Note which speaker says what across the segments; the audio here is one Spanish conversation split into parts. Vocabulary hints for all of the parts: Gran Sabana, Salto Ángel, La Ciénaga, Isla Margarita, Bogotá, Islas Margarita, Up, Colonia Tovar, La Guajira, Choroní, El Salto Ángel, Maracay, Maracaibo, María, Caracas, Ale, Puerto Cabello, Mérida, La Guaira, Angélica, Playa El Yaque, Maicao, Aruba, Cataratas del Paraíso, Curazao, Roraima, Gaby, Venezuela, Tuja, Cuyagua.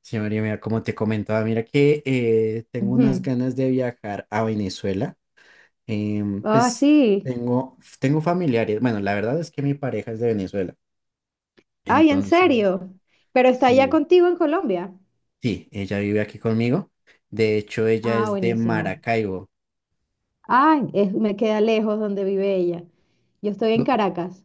Speaker 1: Sí, María, mira, como te comentaba, mira que tengo unas
Speaker 2: Ujú.
Speaker 1: ganas de viajar a Venezuela.
Speaker 2: Ah,
Speaker 1: Pues
Speaker 2: sí.
Speaker 1: tengo familiares. Bueno, la verdad es que mi pareja es de Venezuela.
Speaker 2: Ay, ¿en
Speaker 1: Entonces,
Speaker 2: serio? ¿Pero está allá
Speaker 1: sí,
Speaker 2: contigo en Colombia?
Speaker 1: sí, ella vive aquí conmigo. De hecho, ella
Speaker 2: Ah,
Speaker 1: es de
Speaker 2: buenísimo.
Speaker 1: Maracaibo.
Speaker 2: Ay, me queda lejos donde vive ella. Yo estoy en
Speaker 1: Tú-
Speaker 2: Caracas.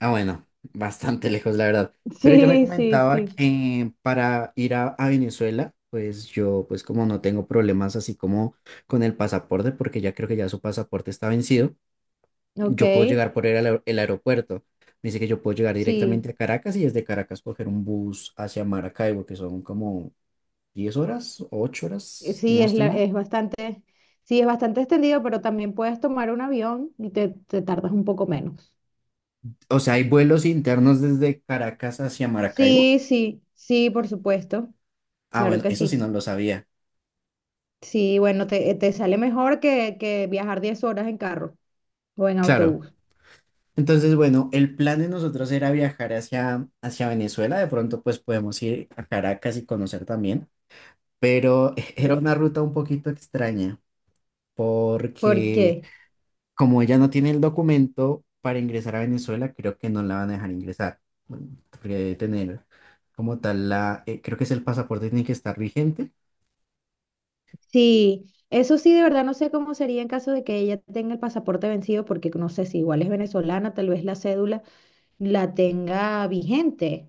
Speaker 1: Ah, bueno, bastante lejos, la verdad. Pero ella me
Speaker 2: Sí, sí,
Speaker 1: comentaba
Speaker 2: sí.
Speaker 1: que para ir a Venezuela, pues yo, pues como no tengo problemas así como con el pasaporte, porque ya creo que ya su pasaporte está vencido.
Speaker 2: Ok,
Speaker 1: Yo puedo llegar por el aeropuerto. Me dice que yo puedo llegar
Speaker 2: sí.
Speaker 1: directamente a Caracas y desde Caracas coger un bus hacia Maracaibo, que son como 10 horas, 8 horas, y
Speaker 2: Sí,
Speaker 1: no estoy mal.
Speaker 2: es bastante, sí, es bastante extendido, pero también puedes tomar un avión y te tardas un poco menos.
Speaker 1: O sea, hay vuelos internos desde Caracas hacia Maracaibo.
Speaker 2: Sí, sí, sí, por supuesto.
Speaker 1: Ah,
Speaker 2: Claro
Speaker 1: bueno,
Speaker 2: que
Speaker 1: eso sí
Speaker 2: sí.
Speaker 1: no lo sabía.
Speaker 2: Sí, bueno, te sale mejor que viajar 10 horas en carro o en
Speaker 1: Claro.
Speaker 2: autobús.
Speaker 1: Entonces, bueno, el plan de nosotros era viajar hacia Venezuela. De pronto, pues podemos ir a Caracas y conocer también. Pero era una ruta un poquito extraña porque
Speaker 2: Porque
Speaker 1: como ella no tiene el documento para ingresar a Venezuela, creo que no la van a dejar ingresar. Bueno, porque debe tener como tal la, creo que es el pasaporte tiene que estar vigente,
Speaker 2: sí, eso sí, de verdad no sé cómo sería en caso de que ella tenga el pasaporte vencido, porque no sé si igual es venezolana, tal vez la cédula la tenga vigente,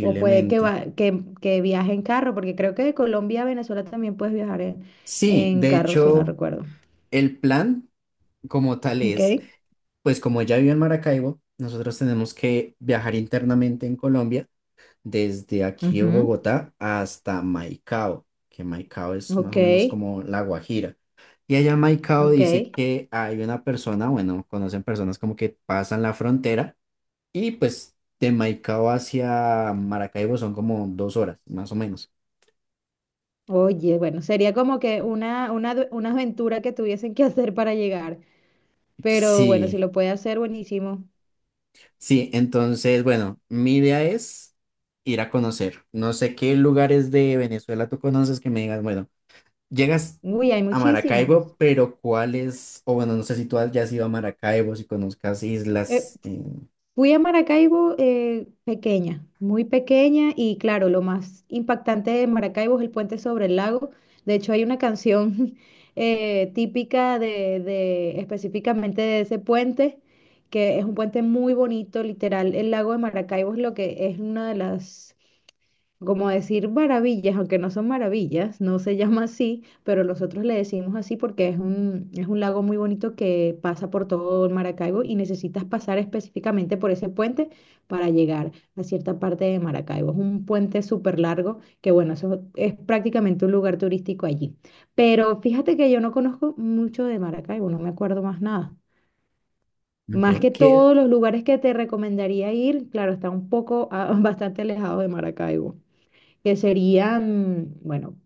Speaker 2: o puede que, va- que, que viaje en carro, porque creo que de Colombia a Venezuela también puedes viajar en,
Speaker 1: Sí,
Speaker 2: en
Speaker 1: de
Speaker 2: carro, si no
Speaker 1: hecho,
Speaker 2: recuerdo.
Speaker 1: el plan como tal
Speaker 2: Ok,
Speaker 1: es, pues como ella vive en Maracaibo, nosotros tenemos que viajar internamente en Colombia desde aquí de
Speaker 2: ujú,
Speaker 1: Bogotá hasta Maicao, que Maicao es más
Speaker 2: Ok,
Speaker 1: o menos como La Guajira. Y allá en Maicao
Speaker 2: ok.
Speaker 1: dice que hay una persona, bueno, conocen personas como que pasan la frontera y pues de Maicao hacia Maracaibo son como 2 horas, más o menos.
Speaker 2: Oye, bueno, sería como que una aventura que tuviesen que hacer para llegar, pero bueno, si
Speaker 1: Sí,
Speaker 2: lo puede hacer, buenísimo.
Speaker 1: sí, entonces, bueno, mi idea es ir a conocer. No sé qué lugares de Venezuela tú conoces que me digas, bueno. Llegas
Speaker 2: Uy, hay
Speaker 1: a
Speaker 2: muchísimos.
Speaker 1: Maracaibo, pero ¿cuál es? O bueno, no sé si ya has ido a Maracaibo, si conozcas
Speaker 2: Eh,
Speaker 1: islas.
Speaker 2: fui a Maracaibo pequeña, muy pequeña y claro, lo más impactante de Maracaibo es el puente sobre el lago. De hecho, hay una canción típica específicamente de ese puente, que es un puente muy bonito, literal. El lago de Maracaibo es lo que es una de las como decir maravillas, aunque no son maravillas, no se llama así, pero nosotros le decimos así porque es un lago muy bonito que pasa por todo Maracaibo y necesitas pasar específicamente por ese puente para llegar a cierta parte de Maracaibo. Es un puente súper largo que, bueno, eso es prácticamente un lugar turístico allí. Pero fíjate que yo no conozco mucho de Maracaibo, no me acuerdo más nada. Más
Speaker 1: Ok,
Speaker 2: que
Speaker 1: que,
Speaker 2: todos los lugares que te recomendaría ir, claro, está un poco, ah, bastante alejado de Maracaibo que serían, bueno,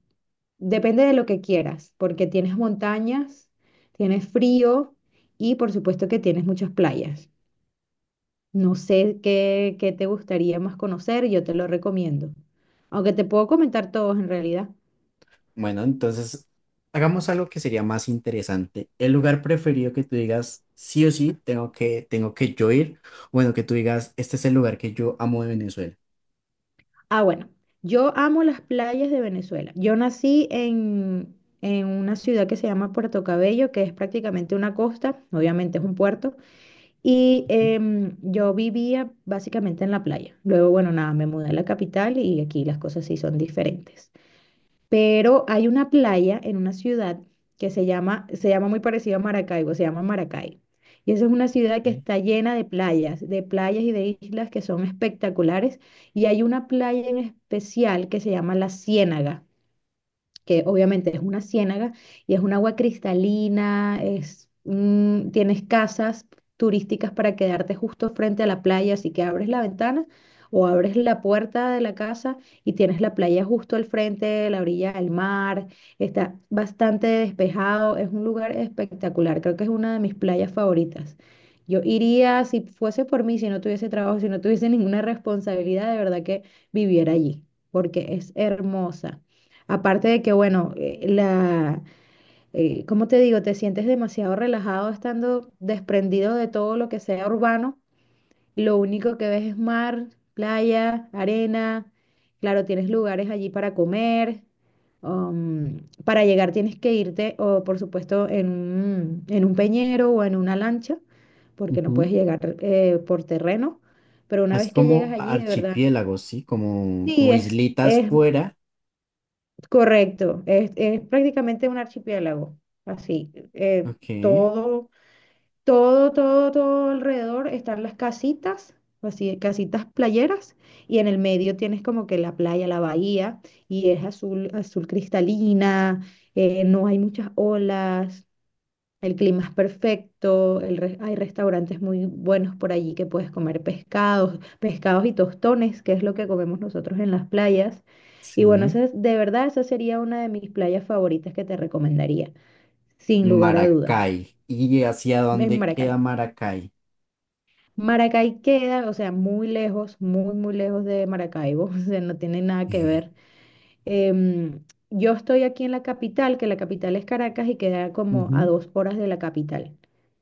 Speaker 2: depende de lo que quieras, porque tienes montañas, tienes frío y por supuesto que tienes muchas playas. No sé qué te gustaría más conocer, yo te lo recomiendo. Aunque te puedo comentar todos en realidad.
Speaker 1: bueno, entonces hagamos algo que sería más interesante. El lugar preferido que tú digas, sí o sí, tengo que yo ir. Bueno, que tú digas, este es el lugar que yo amo de Venezuela.
Speaker 2: Ah, bueno, yo amo las playas de Venezuela. Yo nací en una ciudad que se llama Puerto Cabello, que es prácticamente una costa, obviamente es un puerto. Y yo vivía básicamente en la playa. Luego, bueno, nada, me mudé a la capital y aquí las cosas sí son diferentes. Pero hay una playa en una ciudad que se llama muy parecido a Maracaibo, se llama Maracay. Y esa es una ciudad que
Speaker 1: Ok.
Speaker 2: está llena de playas y de islas que son espectaculares. Y hay una playa en especial que se llama La Ciénaga que obviamente es una ciénaga y es un agua cristalina, tienes casas turísticas para quedarte justo frente a la playa, así que abres la ventana o abres la puerta de la casa y tienes la playa justo al frente, la orilla del mar, está bastante despejado, es un lugar espectacular, creo que es una de mis playas favoritas. Yo iría, si fuese por mí, si no tuviese trabajo, si no tuviese ninguna responsabilidad, de verdad que viviera allí, porque es hermosa. Aparte de que, bueno, ¿cómo te digo? Te sientes demasiado relajado estando desprendido de todo lo que sea urbano. Lo único que ves es mar, playa, arena. Claro, tienes lugares allí para comer. um, para llegar tienes que irte, o por supuesto, en un peñero o en una lancha, porque no
Speaker 1: Ujú.
Speaker 2: puedes llegar por terreno. Pero una
Speaker 1: Es
Speaker 2: vez que llegas
Speaker 1: como
Speaker 2: allí, de verdad,
Speaker 1: archipiélagos, ¿sí? Como,
Speaker 2: sí,
Speaker 1: como
Speaker 2: es,
Speaker 1: islitas
Speaker 2: es
Speaker 1: fuera.
Speaker 2: correcto, es prácticamente un archipiélago, así. eh,
Speaker 1: Ok,
Speaker 2: todo, todo, todo, todo alrededor están las casitas, así, casitas playeras, y en el medio tienes como que la playa, la bahía, y es azul, azul cristalina, no hay muchas olas, el clima es perfecto, hay restaurantes muy buenos por allí que puedes comer pescados, pescados y tostones, que es lo que comemos nosotros en las playas. Y bueno,
Speaker 1: sí.
Speaker 2: esa de verdad, esa sería una de mis playas favoritas que te recomendaría, sin lugar a dudas,
Speaker 1: Maracay. ¿Y hacia
Speaker 2: en
Speaker 1: dónde queda
Speaker 2: Maracay.
Speaker 1: Maracay?
Speaker 2: Maracay queda, o sea, muy lejos, muy, muy lejos de Maracaibo, o sea, no tiene nada que ver. Em, yo estoy aquí en la capital, que la capital es Caracas y queda como a
Speaker 1: Ujú.
Speaker 2: 2 horas de la capital.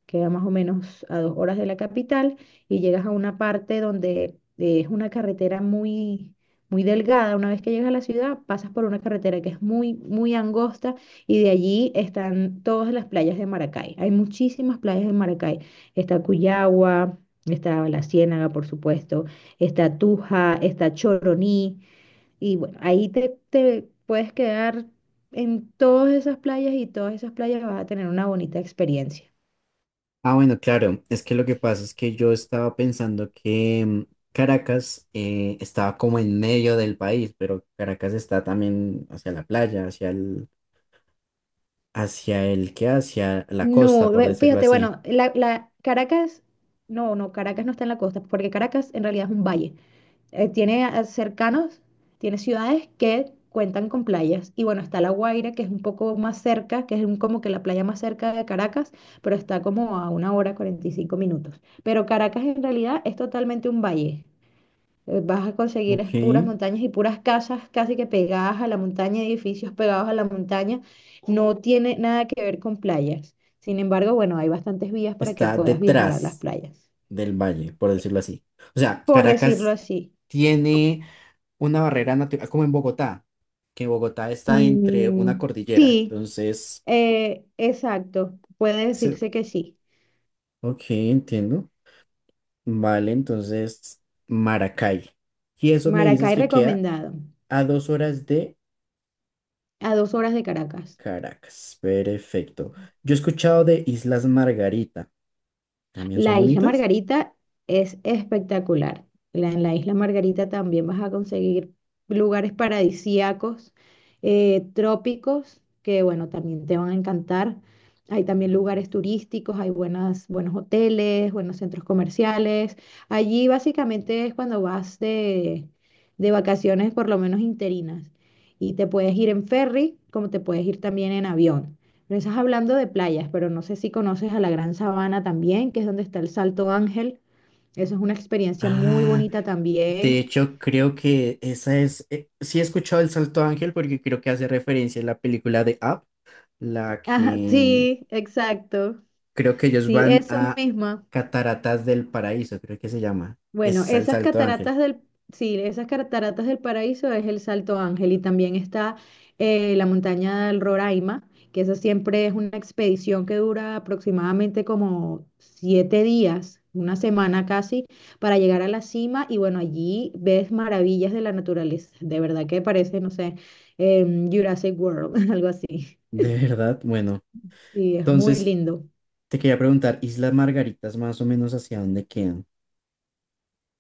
Speaker 2: Queda más o menos a 2 horas de la capital y llegas a una parte donde es una carretera muy, muy delgada. Una vez que llegas a la ciudad, pasas por una carretera que es muy, muy angosta y de allí están todas las playas de Maracay. Hay muchísimas playas de Maracay. Está Cuyagua, está La Ciénaga, por supuesto, está Tuja, está Choroní. Y bueno, ahí te puedes quedar en todas esas playas y todas esas playas vas a tener una bonita experiencia.
Speaker 1: Ah, bueno, claro, es que lo que pasa es que yo estaba pensando que Caracas estaba como en medio del país, pero Caracas está también hacia la playa, hacia el que, hacia la costa,
Speaker 2: No,
Speaker 1: por decirlo
Speaker 2: fíjate,
Speaker 1: así.
Speaker 2: bueno, Caracas, no, no, Caracas no está en la costa, porque Caracas en realidad es un valle. Tiene cercanos, tiene ciudades que cuentan con playas. Y bueno, está La Guaira, que es un poco más cerca, que es como que la playa más cerca de Caracas, pero está como a una hora 45 minutos. Pero Caracas en realidad es totalmente un valle. Vas a conseguir es
Speaker 1: Ok.
Speaker 2: puras montañas y puras casas casi que pegadas a la montaña, edificios pegados a la montaña. No tiene nada que ver con playas. Sin embargo, bueno, hay bastantes vías para que
Speaker 1: Está
Speaker 2: puedas viajar a las
Speaker 1: detrás
Speaker 2: playas,
Speaker 1: del valle, por decirlo así. O sea,
Speaker 2: por decirlo
Speaker 1: Caracas
Speaker 2: así.
Speaker 1: tiene una barrera natural, como en Bogotá, que Bogotá está entre una
Speaker 2: Mm,
Speaker 1: cordillera.
Speaker 2: sí,
Speaker 1: Entonces,
Speaker 2: exacto. Puede
Speaker 1: se-
Speaker 2: decirse que sí.
Speaker 1: ok, entiendo. Vale, entonces, Maracay. Y eso me dices
Speaker 2: Maracay
Speaker 1: que queda
Speaker 2: recomendado,
Speaker 1: a 2 horas de
Speaker 2: a 2 horas de Caracas.
Speaker 1: Caracas. Perfecto. Yo he escuchado de Islas Margarita. ¿También son
Speaker 2: La Isla
Speaker 1: bonitas?
Speaker 2: Margarita es espectacular. En la Isla Margarita también vas a conseguir lugares paradisíacos, trópicos, que bueno, también te van a encantar. Hay también lugares turísticos, hay buenos hoteles, buenos centros comerciales. Allí básicamente es cuando vas de vacaciones, por lo menos interinas. Y te puedes ir en ferry, como te puedes ir también en avión. Pero estás hablando de playas, pero no sé si conoces a la Gran Sabana también, que es donde está el Salto Ángel. Eso es una experiencia muy
Speaker 1: Ah,
Speaker 2: bonita
Speaker 1: de
Speaker 2: también.
Speaker 1: hecho, creo que esa es. Sí, he escuchado El Salto Ángel porque creo que hace referencia a la película de Up, la que.
Speaker 2: Ajá,
Speaker 1: mm,
Speaker 2: sí, exacto.
Speaker 1: Creo que ellos
Speaker 2: Sí,
Speaker 1: van
Speaker 2: eso
Speaker 1: a
Speaker 2: mismo.
Speaker 1: Cataratas del Paraíso, creo que se llama.
Speaker 2: Bueno,
Speaker 1: Es al
Speaker 2: esas
Speaker 1: Salto Ángel.
Speaker 2: sí, esas cataratas del Paraíso es el Salto Ángel y también está la montaña del Roraima, que esa siempre es una expedición que dura aproximadamente como 7 días, una semana casi, para llegar a la cima y bueno, allí ves maravillas de la naturaleza, de verdad que parece, no sé, Jurassic World, algo así.
Speaker 1: De verdad, bueno.
Speaker 2: Sí, es muy
Speaker 1: Entonces,
Speaker 2: lindo.
Speaker 1: te quería preguntar, Islas Margaritas, más o menos hacia dónde quedan.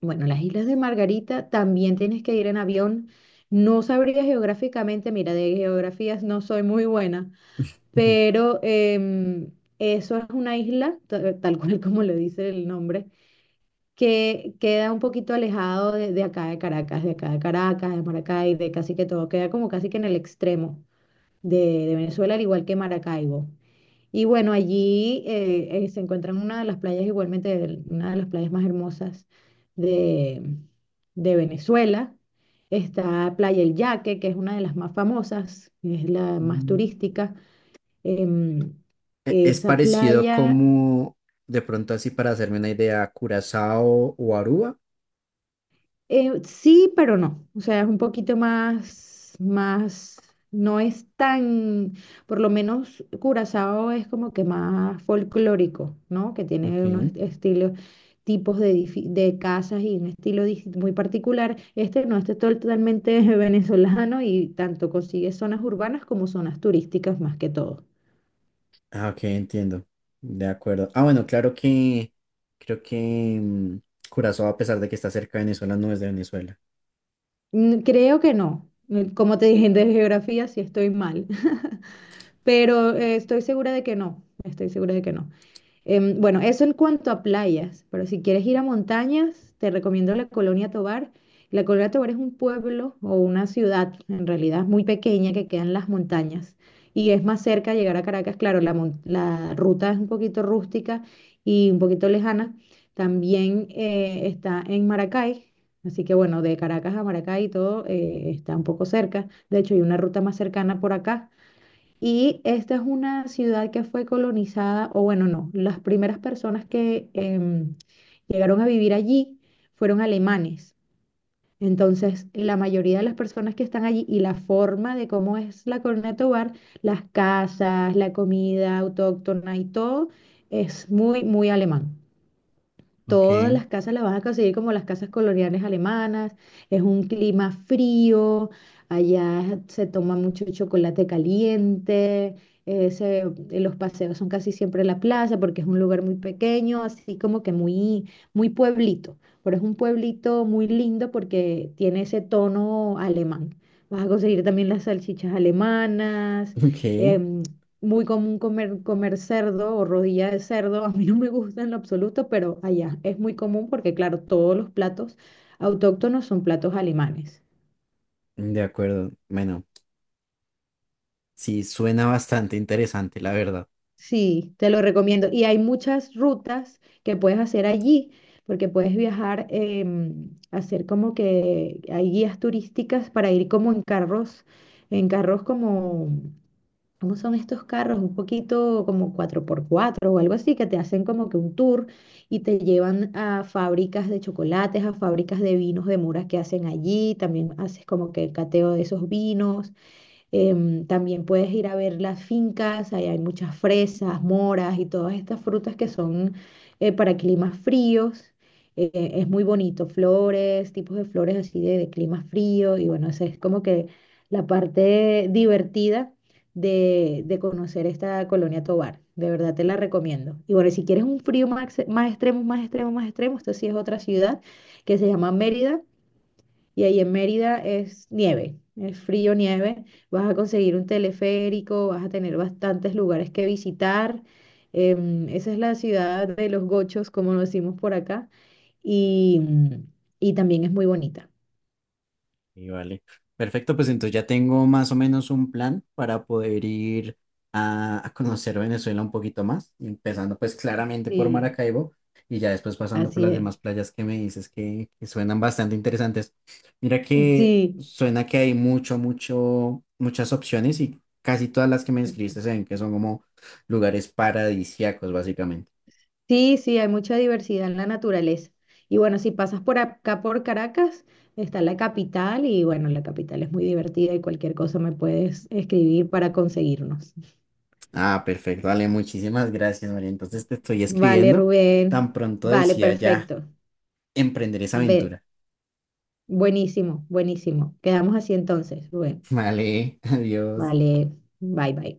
Speaker 2: Bueno, las Islas de Margarita también tienes que ir en avión. No sabría geográficamente, mira, de geografías no soy muy buena,
Speaker 1: Ujú.
Speaker 2: pero eso es una isla, tal cual como lo dice el nombre, que queda un poquito alejado de acá de Caracas, de Maracay, de casi que todo, queda como casi que en el extremo de, de Venezuela, al igual que Maracaibo. Y bueno, allí se encuentran una de las playas, igualmente una de las playas más hermosas de, de Venezuela. Está Playa El Yaque, que es una de las más famosas, es la más
Speaker 1: Mm.
Speaker 2: turística. Em,
Speaker 1: Es
Speaker 2: esa
Speaker 1: parecido
Speaker 2: playa.
Speaker 1: como, de pronto así para hacerme una idea, a Curazao o Aruba.
Speaker 2: Sí, pero no. O sea, es un poquito más, más, no es tan, por lo menos Curazao es como que más folclórico, ¿no? Que tiene unos
Speaker 1: Ok.
Speaker 2: estilos, tipos de casas y un estilo muy particular. Este no, este es totalmente venezolano y tanto consigue zonas urbanas como zonas turísticas más que todo.
Speaker 1: Ah, ok, entiendo. De acuerdo. Ah, bueno, claro que creo que mm, Curazao, a pesar de que está cerca de Venezuela, no es de Venezuela.
Speaker 2: Mm. Creo que no. Como te dije, de geografía sí estoy mal, pero estoy segura de que no. Estoy segura de que no. Bueno, eso en cuanto a playas, pero si quieres ir a montañas, te recomiendo la Colonia Tovar. La Colonia Tovar es un pueblo o una ciudad, en realidad, muy pequeña que queda en las montañas. Y es más cerca llegar a Caracas, claro, la ruta es un poquito rústica y un poquito lejana. También está en Maracay, así que bueno, de Caracas a Maracay todo está un poco cerca. De hecho, hay una ruta más cercana por acá y esta es una ciudad que fue colonizada, o bueno, no, las primeras personas que llegaron a vivir allí fueron alemanes. Entonces, la mayoría de las personas que están allí y la forma de cómo es la Corona de Tobar, las casas, la comida autóctona y todo, es muy, muy alemán.
Speaker 1: Ok.
Speaker 2: Todas las casas las vas a conseguir como las casas coloniales alemanas, es un clima frío, allá se toma mucho chocolate caliente, eh, se- los paseos son casi siempre en la plaza porque es un lugar muy pequeño, así como que muy, muy pueblito, pero es un pueblito muy lindo porque tiene ese tono alemán. Vas a conseguir también las salchichas alemanas,
Speaker 1: Ok,
Speaker 2: em, muy común comer cerdo o rodilla de cerdo. A mí no me gusta en lo absoluto, pero allá es muy común porque, claro, todos los platos autóctonos son platos alemanes.
Speaker 1: de acuerdo. Bueno. Sí, suena bastante interesante, la verdad.
Speaker 2: Sí, te lo recomiendo. Y hay muchas rutas que puedes hacer allí, porque puedes viajar, hacer como que hay guías turísticas para ir como en carros como ¿cómo son estos carros? Un poquito como 4x4 o algo así, que te hacen como que un tour y te llevan a fábricas de chocolates, a fábricas de vinos de muras que hacen allí. También haces como que el cateo de esos vinos. También puedes ir a ver las fincas, ahí hay muchas fresas, moras y todas estas frutas que son para climas fríos. Es muy bonito, flores, tipos de flores así de clima frío y bueno, esa es como que la parte divertida de conocer esta colonia Tovar. De verdad te la recomiendo. Y bueno, si quieres un frío más, más extremo, más extremo, más extremo, esto sí es otra ciudad que se llama Mérida. Y ahí en Mérida es nieve, es frío nieve. Vas a conseguir un teleférico, vas a tener bastantes lugares que visitar. Esa es la ciudad de los gochos, como lo decimos por acá. Y, mm, y también es muy bonita.
Speaker 1: Y vale. Perfecto, pues entonces ya tengo más o menos un plan para poder ir a conocer Venezuela un poquito más, empezando pues claramente por
Speaker 2: Sí,
Speaker 1: Maracaibo y ya después pasando por
Speaker 2: así
Speaker 1: las
Speaker 2: es.
Speaker 1: demás playas que me dices que suenan bastante interesantes. Mira que
Speaker 2: Sí,
Speaker 1: suena que hay mucho, mucho, muchas opciones y casi todas las que me describiste se ven que son como lugares paradisíacos, básicamente.
Speaker 2: sí, sí, hay mucha diversidad en la naturaleza. Y bueno, si pasas por acá, por Caracas, está la capital y bueno, la capital es muy divertida y cualquier cosa me puedes escribir para conseguirnos.
Speaker 1: Ah, perfecto, Ale, muchísimas gracias, María. Entonces te estoy
Speaker 2: Vale,
Speaker 1: escribiendo. Tan
Speaker 2: Rubén.
Speaker 1: pronto
Speaker 2: Vale,
Speaker 1: decía ya
Speaker 2: perfecto.
Speaker 1: emprender esa
Speaker 2: Ve,
Speaker 1: aventura.
Speaker 2: buenísimo, buenísimo. Quedamos así entonces, Rubén.
Speaker 1: Vale, adiós.
Speaker 2: Vale, bye, bye.